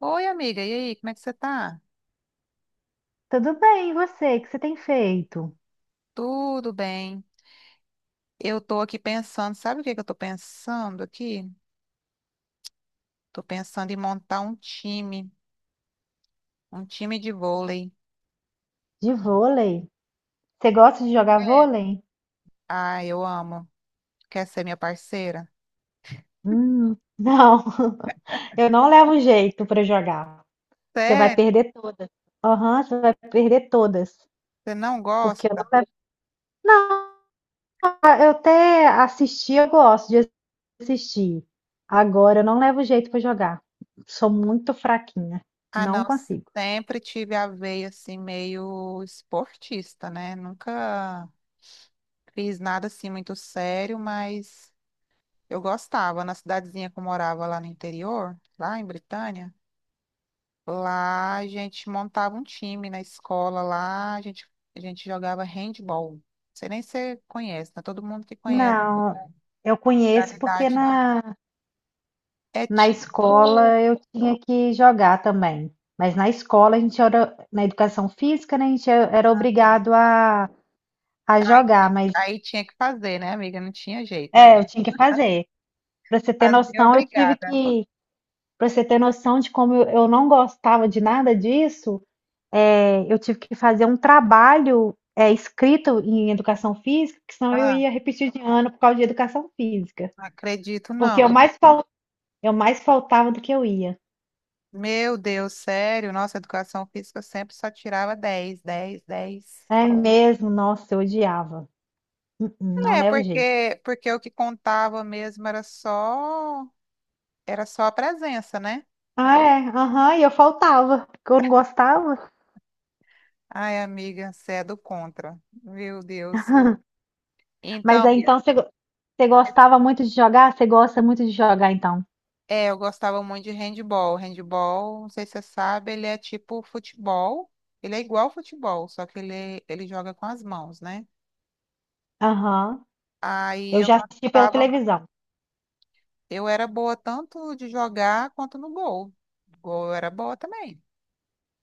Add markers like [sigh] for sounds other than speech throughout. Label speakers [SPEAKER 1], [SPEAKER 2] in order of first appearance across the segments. [SPEAKER 1] Oi, amiga, e aí, como é que você tá?
[SPEAKER 2] Tudo bem, e você? O que você tem feito?
[SPEAKER 1] Tudo bem. Eu tô aqui pensando, sabe o que que eu tô pensando aqui? Tô pensando em montar um time de vôlei.
[SPEAKER 2] De vôlei? Você gosta de jogar
[SPEAKER 1] É.
[SPEAKER 2] vôlei?
[SPEAKER 1] Ah, eu amo. Quer ser minha parceira?
[SPEAKER 2] Não. [laughs] Eu não levo jeito para jogar. Você vai
[SPEAKER 1] Sério?
[SPEAKER 2] perder todas. Aham, você vai perder todas.
[SPEAKER 1] Você não
[SPEAKER 2] Porque eu não
[SPEAKER 1] gosta?
[SPEAKER 2] levo. Não, eu até assistir, eu gosto de assistir. Agora eu não levo jeito para jogar. Sou muito fraquinha.
[SPEAKER 1] Ah,
[SPEAKER 2] Não
[SPEAKER 1] não,
[SPEAKER 2] consigo.
[SPEAKER 1] sempre tive a veia assim meio esportista, né? Nunca fiz nada assim muito sério, mas eu gostava na cidadezinha que eu morava lá no interior, lá em Britânia. Lá a gente montava um time na escola, lá a gente jogava handball. Você nem se conhece, não é todo mundo que conhece
[SPEAKER 2] Não, eu
[SPEAKER 1] a
[SPEAKER 2] conheço porque
[SPEAKER 1] modalidade, não.
[SPEAKER 2] na
[SPEAKER 1] É
[SPEAKER 2] Na escola
[SPEAKER 1] tipo.
[SPEAKER 2] eu tinha que jogar também, mas na escola a gente era, na educação física, né, a gente era
[SPEAKER 1] Ah,
[SPEAKER 2] obrigado a jogar, mas
[SPEAKER 1] aí tinha que fazer, né, amiga? Não tinha jeito.
[SPEAKER 2] eu tinha que fazer. Para você ter
[SPEAKER 1] Fazer,
[SPEAKER 2] noção,
[SPEAKER 1] obrigada.
[SPEAKER 2] para você ter noção de como eu não gostava de nada disso, eu tive que fazer um trabalho escrito em educação física, que senão eu
[SPEAKER 1] Ah,
[SPEAKER 2] ia repetir de ano por causa de educação física,
[SPEAKER 1] não acredito,
[SPEAKER 2] porque
[SPEAKER 1] não.
[SPEAKER 2] eu mais faltava do que eu ia.
[SPEAKER 1] Meu Deus, sério, nossa, educação física eu sempre só tirava 10, 10, 10.
[SPEAKER 2] É mesmo, nossa, eu odiava. Hum. Não
[SPEAKER 1] É,
[SPEAKER 2] leva jeito.
[SPEAKER 1] porque, porque o que contava mesmo era só a presença, né?
[SPEAKER 2] Ah, é? Aham, e eu faltava, porque eu não gostava.
[SPEAKER 1] Ai, amiga, você é do contra. Meu Deus.
[SPEAKER 2] [laughs] Mas
[SPEAKER 1] Então,
[SPEAKER 2] aí então você gostava muito de jogar? Você gosta muito de jogar então?
[SPEAKER 1] é, eu gostava muito de handball. Handball, não sei se você sabe, ele é tipo futebol. Ele é igual ao futebol, só que ele joga com as mãos, né?
[SPEAKER 2] Aham.
[SPEAKER 1] Aí
[SPEAKER 2] Eu
[SPEAKER 1] eu
[SPEAKER 2] já assisti pela
[SPEAKER 1] gostava,
[SPEAKER 2] televisão.
[SPEAKER 1] eu era boa tanto de jogar quanto no gol. Gol eu era boa também.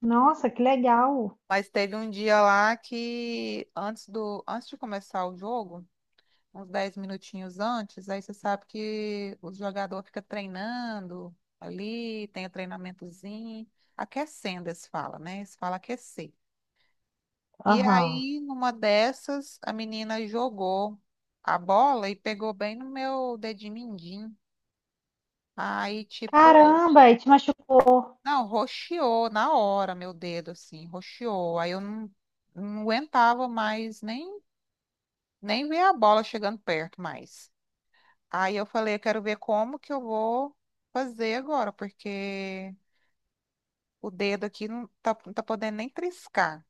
[SPEAKER 2] Nossa, que legal.
[SPEAKER 1] Mas teve um dia lá que antes de começar o jogo, uns 10 minutinhos antes, aí você sabe que o jogador fica treinando ali, tem o treinamentozinho, aquecendo, eles falam, né? Eles falam aquecer. E
[SPEAKER 2] Aham.
[SPEAKER 1] aí, numa dessas, a menina jogou a bola e pegou bem no meu dedinho mindinho. Aí, tipo,
[SPEAKER 2] Caramba, e te machucou.
[SPEAKER 1] não, roxeou na hora meu dedo, assim, roxeou. Aí eu não, não aguentava mais nem ver a bola chegando perto mais. Aí eu falei, eu quero ver como que eu vou fazer agora, porque o dedo aqui não tá podendo nem triscar.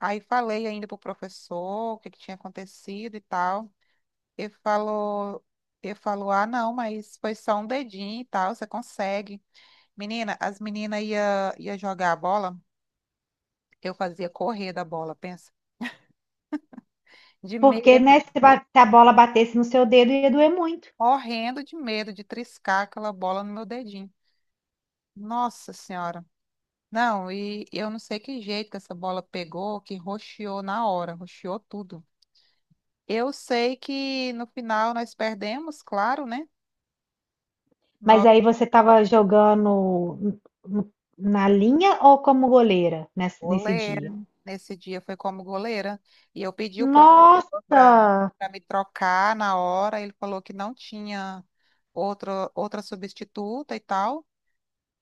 [SPEAKER 1] Aí falei ainda pro professor o que que tinha acontecido e tal. Ele falou, ele falou, ah, não, mas foi só um dedinho e tal, você consegue. Menina, as meninas ia jogar a bola, eu fazia correr da bola, pensa. De
[SPEAKER 2] Porque,
[SPEAKER 1] medo,
[SPEAKER 2] né, se a bola batesse no seu dedo ia doer muito.
[SPEAKER 1] morrendo de medo de triscar aquela bola no meu dedinho. Nossa Senhora. Não, e eu não sei que jeito que essa bola pegou, que roxeou na hora, roxeou tudo. Eu sei que no final nós perdemos, claro, né?
[SPEAKER 2] Mas
[SPEAKER 1] Nossa
[SPEAKER 2] aí você estava jogando n- na linha ou como goleira nesse
[SPEAKER 1] goleira,
[SPEAKER 2] dia?
[SPEAKER 1] nesse dia foi como goleira. E eu pedi o professor para
[SPEAKER 2] Nossa!
[SPEAKER 1] me trocar na hora, ele falou que não tinha outra substituta e tal,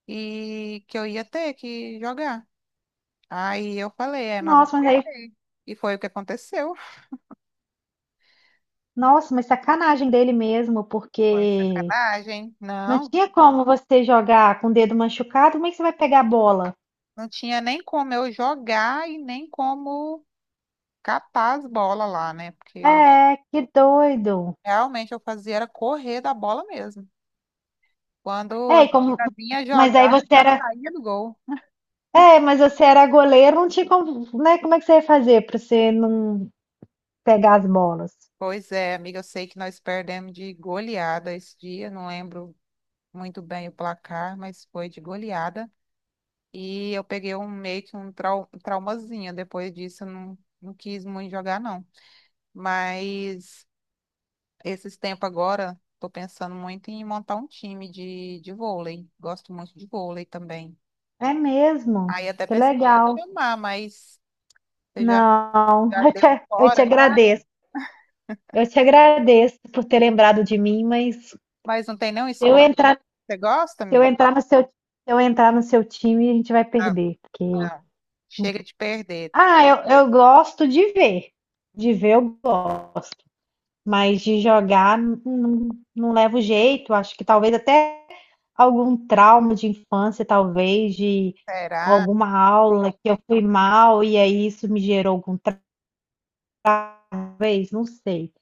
[SPEAKER 1] e que eu ia ter que jogar. Aí eu falei, é, nós vamos
[SPEAKER 2] Nossa, mas aí.
[SPEAKER 1] perder. E foi o que aconteceu.
[SPEAKER 2] Nossa, mas sacanagem dele mesmo,
[SPEAKER 1] Foi
[SPEAKER 2] porque
[SPEAKER 1] sacanagem.
[SPEAKER 2] não
[SPEAKER 1] Não.
[SPEAKER 2] tinha como você jogar com o dedo machucado, como é que você vai pegar a bola?
[SPEAKER 1] Não tinha nem como eu jogar e nem como capar as bolas lá, né? Porque
[SPEAKER 2] É, que doido.
[SPEAKER 1] realmente eu fazia era correr da bola mesmo. Quando
[SPEAKER 2] É,
[SPEAKER 1] as
[SPEAKER 2] e como
[SPEAKER 1] meninas vinham
[SPEAKER 2] mas aí
[SPEAKER 1] jogar, eu
[SPEAKER 2] você
[SPEAKER 1] já
[SPEAKER 2] era,
[SPEAKER 1] saía do gol.
[SPEAKER 2] mas você era goleiro, não tinha como, né? Como é que você ia fazer para você não pegar as bolas?
[SPEAKER 1] Pois é, amiga, eu sei que nós perdemos de goleada esse dia, não lembro muito bem o placar, mas foi de goleada. E eu peguei um meio que um traumazinho. Depois disso, eu não quis muito jogar, não. Mas. Esses tempos agora, tô pensando muito em montar um time de vôlei. Gosto muito de vôlei também.
[SPEAKER 2] É mesmo.
[SPEAKER 1] Aí até
[SPEAKER 2] Que
[SPEAKER 1] pensei em te
[SPEAKER 2] legal.
[SPEAKER 1] chamar, mas você já,
[SPEAKER 2] Não, [laughs]
[SPEAKER 1] já
[SPEAKER 2] eu te,
[SPEAKER 1] deu um
[SPEAKER 2] eu te
[SPEAKER 1] fora já?
[SPEAKER 2] agradeço. Eu te agradeço por ter lembrado de mim, mas se
[SPEAKER 1] Mas não tem nenhum
[SPEAKER 2] eu
[SPEAKER 1] esporte.
[SPEAKER 2] entrar.
[SPEAKER 1] Você gosta, amigo?
[SPEAKER 2] Se eu entrar no seu time, a gente vai
[SPEAKER 1] Não,
[SPEAKER 2] perder. Porque...
[SPEAKER 1] não. Chega de perder.
[SPEAKER 2] Ah, eu gosto de ver. De ver eu gosto. Mas de jogar não, não levo jeito. Acho que talvez até algum trauma de infância, talvez, de
[SPEAKER 1] Será?
[SPEAKER 2] alguma aula que eu fui mal e aí isso me gerou algum trauma, talvez, não sei.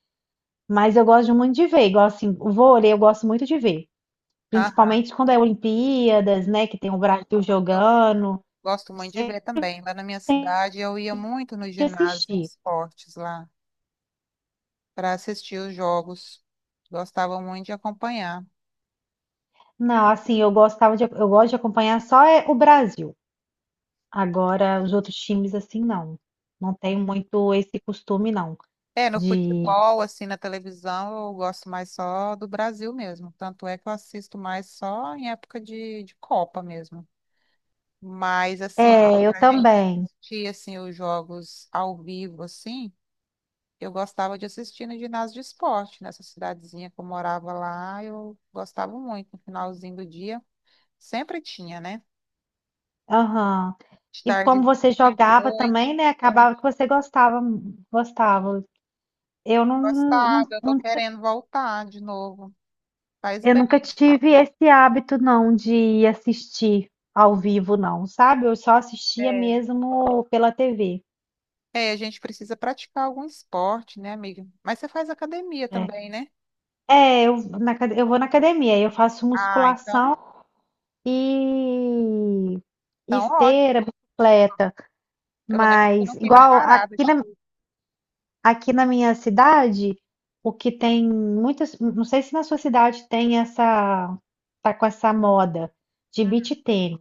[SPEAKER 2] Mas eu gosto muito de ver, igual assim, o vôlei eu gosto muito de ver.
[SPEAKER 1] Aham.
[SPEAKER 2] Principalmente quando é Olimpíadas, né? Que tem o Brasil
[SPEAKER 1] Eu
[SPEAKER 2] jogando.
[SPEAKER 1] gosto
[SPEAKER 2] Eu
[SPEAKER 1] muito de
[SPEAKER 2] sempre
[SPEAKER 1] ver também. Lá na minha cidade, eu ia muito no ginásio de
[SPEAKER 2] assisti.
[SPEAKER 1] esportes lá para assistir os jogos. Gostava muito de acompanhar.
[SPEAKER 2] Não, assim, eu gosto de acompanhar só é o Brasil. Agora, os outros times, assim, não. Não tenho muito esse costume, não.
[SPEAKER 1] É, no
[SPEAKER 2] De.
[SPEAKER 1] futebol, assim, na televisão, eu gosto mais só do Brasil mesmo. Tanto é que eu assisto mais só em época de Copa mesmo. Mas, assim,
[SPEAKER 2] É, eu
[SPEAKER 1] pra gente
[SPEAKER 2] também.
[SPEAKER 1] assistir, assim, os jogos ao vivo, assim, eu gostava de assistir no ginásio de esporte, nessa cidadezinha que eu morava lá, eu gostava muito, no finalzinho do dia. Sempre tinha, né?
[SPEAKER 2] Aham.
[SPEAKER 1] De
[SPEAKER 2] E como
[SPEAKER 1] tarde,
[SPEAKER 2] você jogava
[SPEAKER 1] noite.
[SPEAKER 2] também, né? Acabava que você gostava, gostava. Eu não, não-
[SPEAKER 1] Gostava, eu tô
[SPEAKER 2] não-
[SPEAKER 1] querendo voltar de novo. Faz
[SPEAKER 2] eu nunca
[SPEAKER 1] bem.
[SPEAKER 2] tive esse hábito, não, de assistir ao vivo, não, sabe? Eu só assistia
[SPEAKER 1] É,
[SPEAKER 2] mesmo pela TV.
[SPEAKER 1] A gente precisa praticar algum esporte, né, amiga? Mas você faz academia
[SPEAKER 2] É,
[SPEAKER 1] também, né?
[SPEAKER 2] é, eu vou na academia, eu faço
[SPEAKER 1] Ah, então,
[SPEAKER 2] musculação. E
[SPEAKER 1] então
[SPEAKER 2] esteira,
[SPEAKER 1] ótimo.
[SPEAKER 2] bicicleta,
[SPEAKER 1] Pelo menos você
[SPEAKER 2] mas
[SPEAKER 1] não fica
[SPEAKER 2] igual
[SPEAKER 1] parada
[SPEAKER 2] aqui
[SPEAKER 1] de
[SPEAKER 2] na,
[SPEAKER 1] tudo.
[SPEAKER 2] aqui na minha cidade, o que tem muitas, não sei se na sua cidade tem essa, tá com essa moda de
[SPEAKER 1] Uhum.
[SPEAKER 2] beach tênis.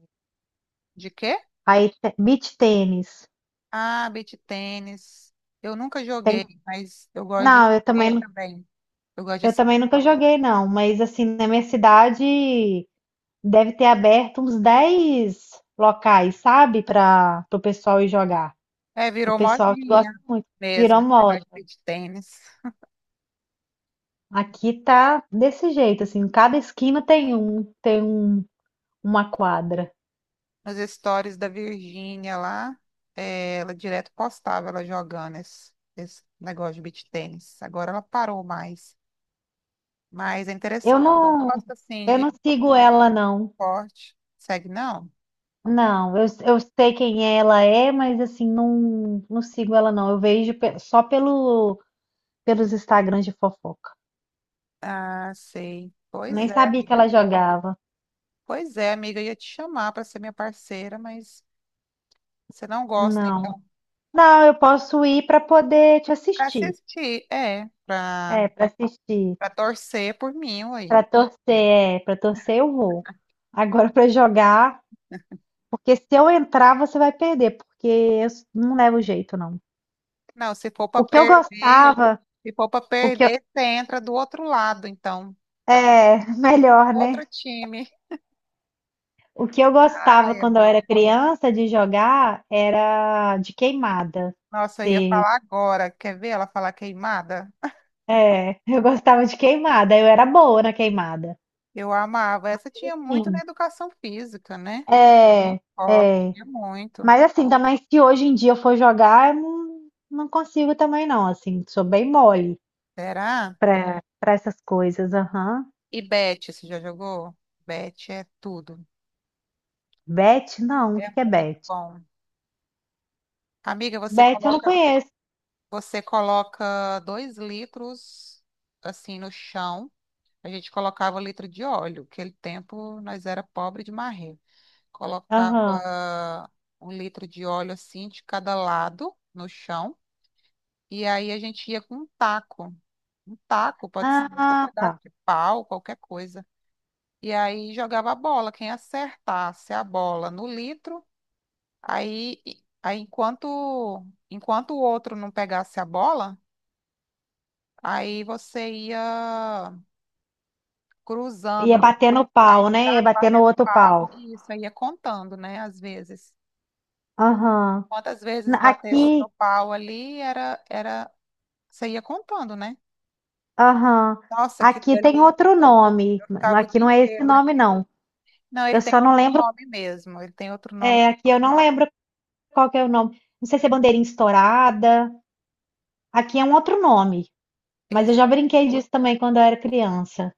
[SPEAKER 1] De quê?
[SPEAKER 2] Aí beach tênis.
[SPEAKER 1] Ah, beach tênis. Eu nunca
[SPEAKER 2] Tem,
[SPEAKER 1] joguei, mas eu gosto de
[SPEAKER 2] não,
[SPEAKER 1] ver também. Eu gosto de
[SPEAKER 2] eu também
[SPEAKER 1] assistir.
[SPEAKER 2] nunca joguei não, mas assim, na minha cidade deve ter aberto uns 10 locais, sabe, para o pessoal ir jogar.
[SPEAKER 1] É,
[SPEAKER 2] O
[SPEAKER 1] virou
[SPEAKER 2] pessoal que
[SPEAKER 1] modinha
[SPEAKER 2] gosta muito,
[SPEAKER 1] mesmo
[SPEAKER 2] virou
[SPEAKER 1] esse
[SPEAKER 2] moda.
[SPEAKER 1] negócio de beach tênis.
[SPEAKER 2] Aqui tá desse jeito, assim, cada esquina uma quadra.
[SPEAKER 1] Nos stories da Virgínia lá, é, ela direto postava ela jogando esse negócio de beach tênis. Agora ela parou mais. Mas é
[SPEAKER 2] Eu
[SPEAKER 1] interessante.
[SPEAKER 2] não,
[SPEAKER 1] Gosto assim
[SPEAKER 2] eu não
[SPEAKER 1] de
[SPEAKER 2] sigo ela, não.
[SPEAKER 1] esporte. Segue, não?
[SPEAKER 2] Não, eu sei quem ela é, mas assim, não, não sigo ela, não. Eu vejo só pelos Instagrams de fofoca.
[SPEAKER 1] Ah, sei.
[SPEAKER 2] Eu
[SPEAKER 1] Pois
[SPEAKER 2] nem
[SPEAKER 1] é,
[SPEAKER 2] sabia que
[SPEAKER 1] amiga.
[SPEAKER 2] ela jogava.
[SPEAKER 1] Pois é, amiga. Eu ia te chamar para ser minha parceira, mas você não gosta,
[SPEAKER 2] Não.
[SPEAKER 1] então.
[SPEAKER 2] Não, eu posso ir pra poder te
[SPEAKER 1] Para
[SPEAKER 2] assistir.
[SPEAKER 1] assistir, é.
[SPEAKER 2] É, pra assistir.
[SPEAKER 1] Para torcer por mim, aí.
[SPEAKER 2] Pra torcer, é, para torcer eu vou. Agora pra jogar. Porque se eu entrar, você vai perder, porque não levo jeito, não.
[SPEAKER 1] Não, se for para
[SPEAKER 2] O que eu
[SPEAKER 1] perder,
[SPEAKER 2] gostava,
[SPEAKER 1] se for para
[SPEAKER 2] o que eu,
[SPEAKER 1] perder, você entra do outro lado, então.
[SPEAKER 2] é, [laughs] melhor, né?
[SPEAKER 1] Outro time.
[SPEAKER 2] O que eu gostava
[SPEAKER 1] Ai,
[SPEAKER 2] quando eu era
[SPEAKER 1] amiga.
[SPEAKER 2] criança de jogar era de queimada.
[SPEAKER 1] Nossa, eu ia
[SPEAKER 2] Se,
[SPEAKER 1] falar agora. Quer ver ela falar queimada?
[SPEAKER 2] é, [laughs] eu gostava de queimada, eu era boa na queimada.
[SPEAKER 1] Eu amava. Essa tinha muito na
[SPEAKER 2] Sim,
[SPEAKER 1] educação física, né?
[SPEAKER 2] é,
[SPEAKER 1] Gosto
[SPEAKER 2] é.
[SPEAKER 1] muito.
[SPEAKER 2] Mas assim, também se hoje em dia eu for jogar, eu não consigo também não, assim, sou bem mole
[SPEAKER 1] Será?
[SPEAKER 2] para essas coisas, aham.
[SPEAKER 1] E Bet, você já jogou? Bet é tudo.
[SPEAKER 2] Bet, não, o
[SPEAKER 1] É
[SPEAKER 2] que que é
[SPEAKER 1] muito
[SPEAKER 2] bet?
[SPEAKER 1] bom. Amiga,
[SPEAKER 2] Beth eu não conheço.
[SPEAKER 1] você coloca 2 litros assim no chão. A gente colocava litro de óleo. Aquele tempo nós era pobre de marrer.
[SPEAKER 2] Aham.
[SPEAKER 1] Colocava um litro de óleo assim de cada lado no chão. E aí a gente ia com um taco. Um taco, pode ser um
[SPEAKER 2] Ah,
[SPEAKER 1] pedaço
[SPEAKER 2] tá.
[SPEAKER 1] de pau, qualquer coisa. E aí jogava a bola, quem acertasse a bola no litro, aí, aí enquanto o outro não pegasse a bola, aí você ia cruzando
[SPEAKER 2] Ia
[SPEAKER 1] assim,
[SPEAKER 2] bater no
[SPEAKER 1] a
[SPEAKER 2] pau, né? Ia
[SPEAKER 1] estrada,
[SPEAKER 2] bater no
[SPEAKER 1] batendo
[SPEAKER 2] outro pau.
[SPEAKER 1] papo, e isso aí ia contando, né, às vezes.
[SPEAKER 2] Aham.
[SPEAKER 1] Quantas vezes batesse no
[SPEAKER 2] Aqui,
[SPEAKER 1] pau ali, era, você ia contando, né?
[SPEAKER 2] aham.
[SPEAKER 1] Nossa, aquilo
[SPEAKER 2] Aqui tem
[SPEAKER 1] ali,
[SPEAKER 2] outro nome.
[SPEAKER 1] eu ficava o
[SPEAKER 2] Aqui
[SPEAKER 1] dia
[SPEAKER 2] não é esse
[SPEAKER 1] inteiro
[SPEAKER 2] nome,
[SPEAKER 1] naquilo.
[SPEAKER 2] não.
[SPEAKER 1] Não, ele
[SPEAKER 2] Eu
[SPEAKER 1] tem
[SPEAKER 2] só não
[SPEAKER 1] outro
[SPEAKER 2] lembro.
[SPEAKER 1] nome mesmo, ele tem outro nome.
[SPEAKER 2] É, aqui eu não lembro qual que é o nome. Não sei se é bandeirinha estourada. Aqui é um outro nome. Mas eu
[SPEAKER 1] Isso.
[SPEAKER 2] já brinquei disso também quando eu era criança.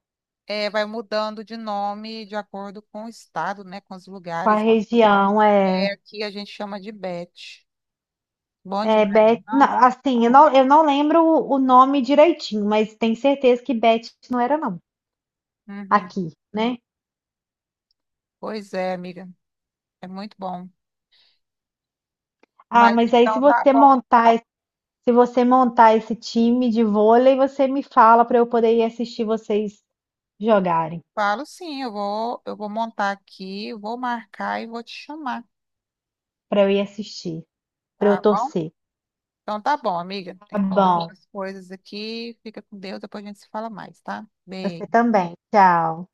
[SPEAKER 1] É, vai mudando de nome de acordo com o estado, né? Com os
[SPEAKER 2] Com a
[SPEAKER 1] lugares.
[SPEAKER 2] região,
[SPEAKER 1] É,
[SPEAKER 2] é.
[SPEAKER 1] aqui a gente chama de Bete. Bom
[SPEAKER 2] É,
[SPEAKER 1] demais.
[SPEAKER 2] Beth. Não,
[SPEAKER 1] Nossa.
[SPEAKER 2] assim, eu não lembro o nome direitinho, mas tenho certeza que Beth não era, não.
[SPEAKER 1] Uhum.
[SPEAKER 2] Aqui, né?
[SPEAKER 1] Pois é, amiga. É muito bom.
[SPEAKER 2] Ah,
[SPEAKER 1] Mas
[SPEAKER 2] mas aí
[SPEAKER 1] então tá bom.
[SPEAKER 2] se você montar esse time de vôlei, você me fala para eu poder ir assistir vocês jogarem,
[SPEAKER 1] Falo sim, eu vou montar aqui, vou marcar e vou te chamar,
[SPEAKER 2] para eu ir assistir, para eu
[SPEAKER 1] tá bom?
[SPEAKER 2] torcer.
[SPEAKER 1] Então tá bom, amiga. Tem
[SPEAKER 2] Tá
[SPEAKER 1] que fazer
[SPEAKER 2] bom.
[SPEAKER 1] outras coisas aqui. Fica com Deus, depois a gente se fala mais, tá?
[SPEAKER 2] Você
[SPEAKER 1] Beijo.
[SPEAKER 2] também. Tchau.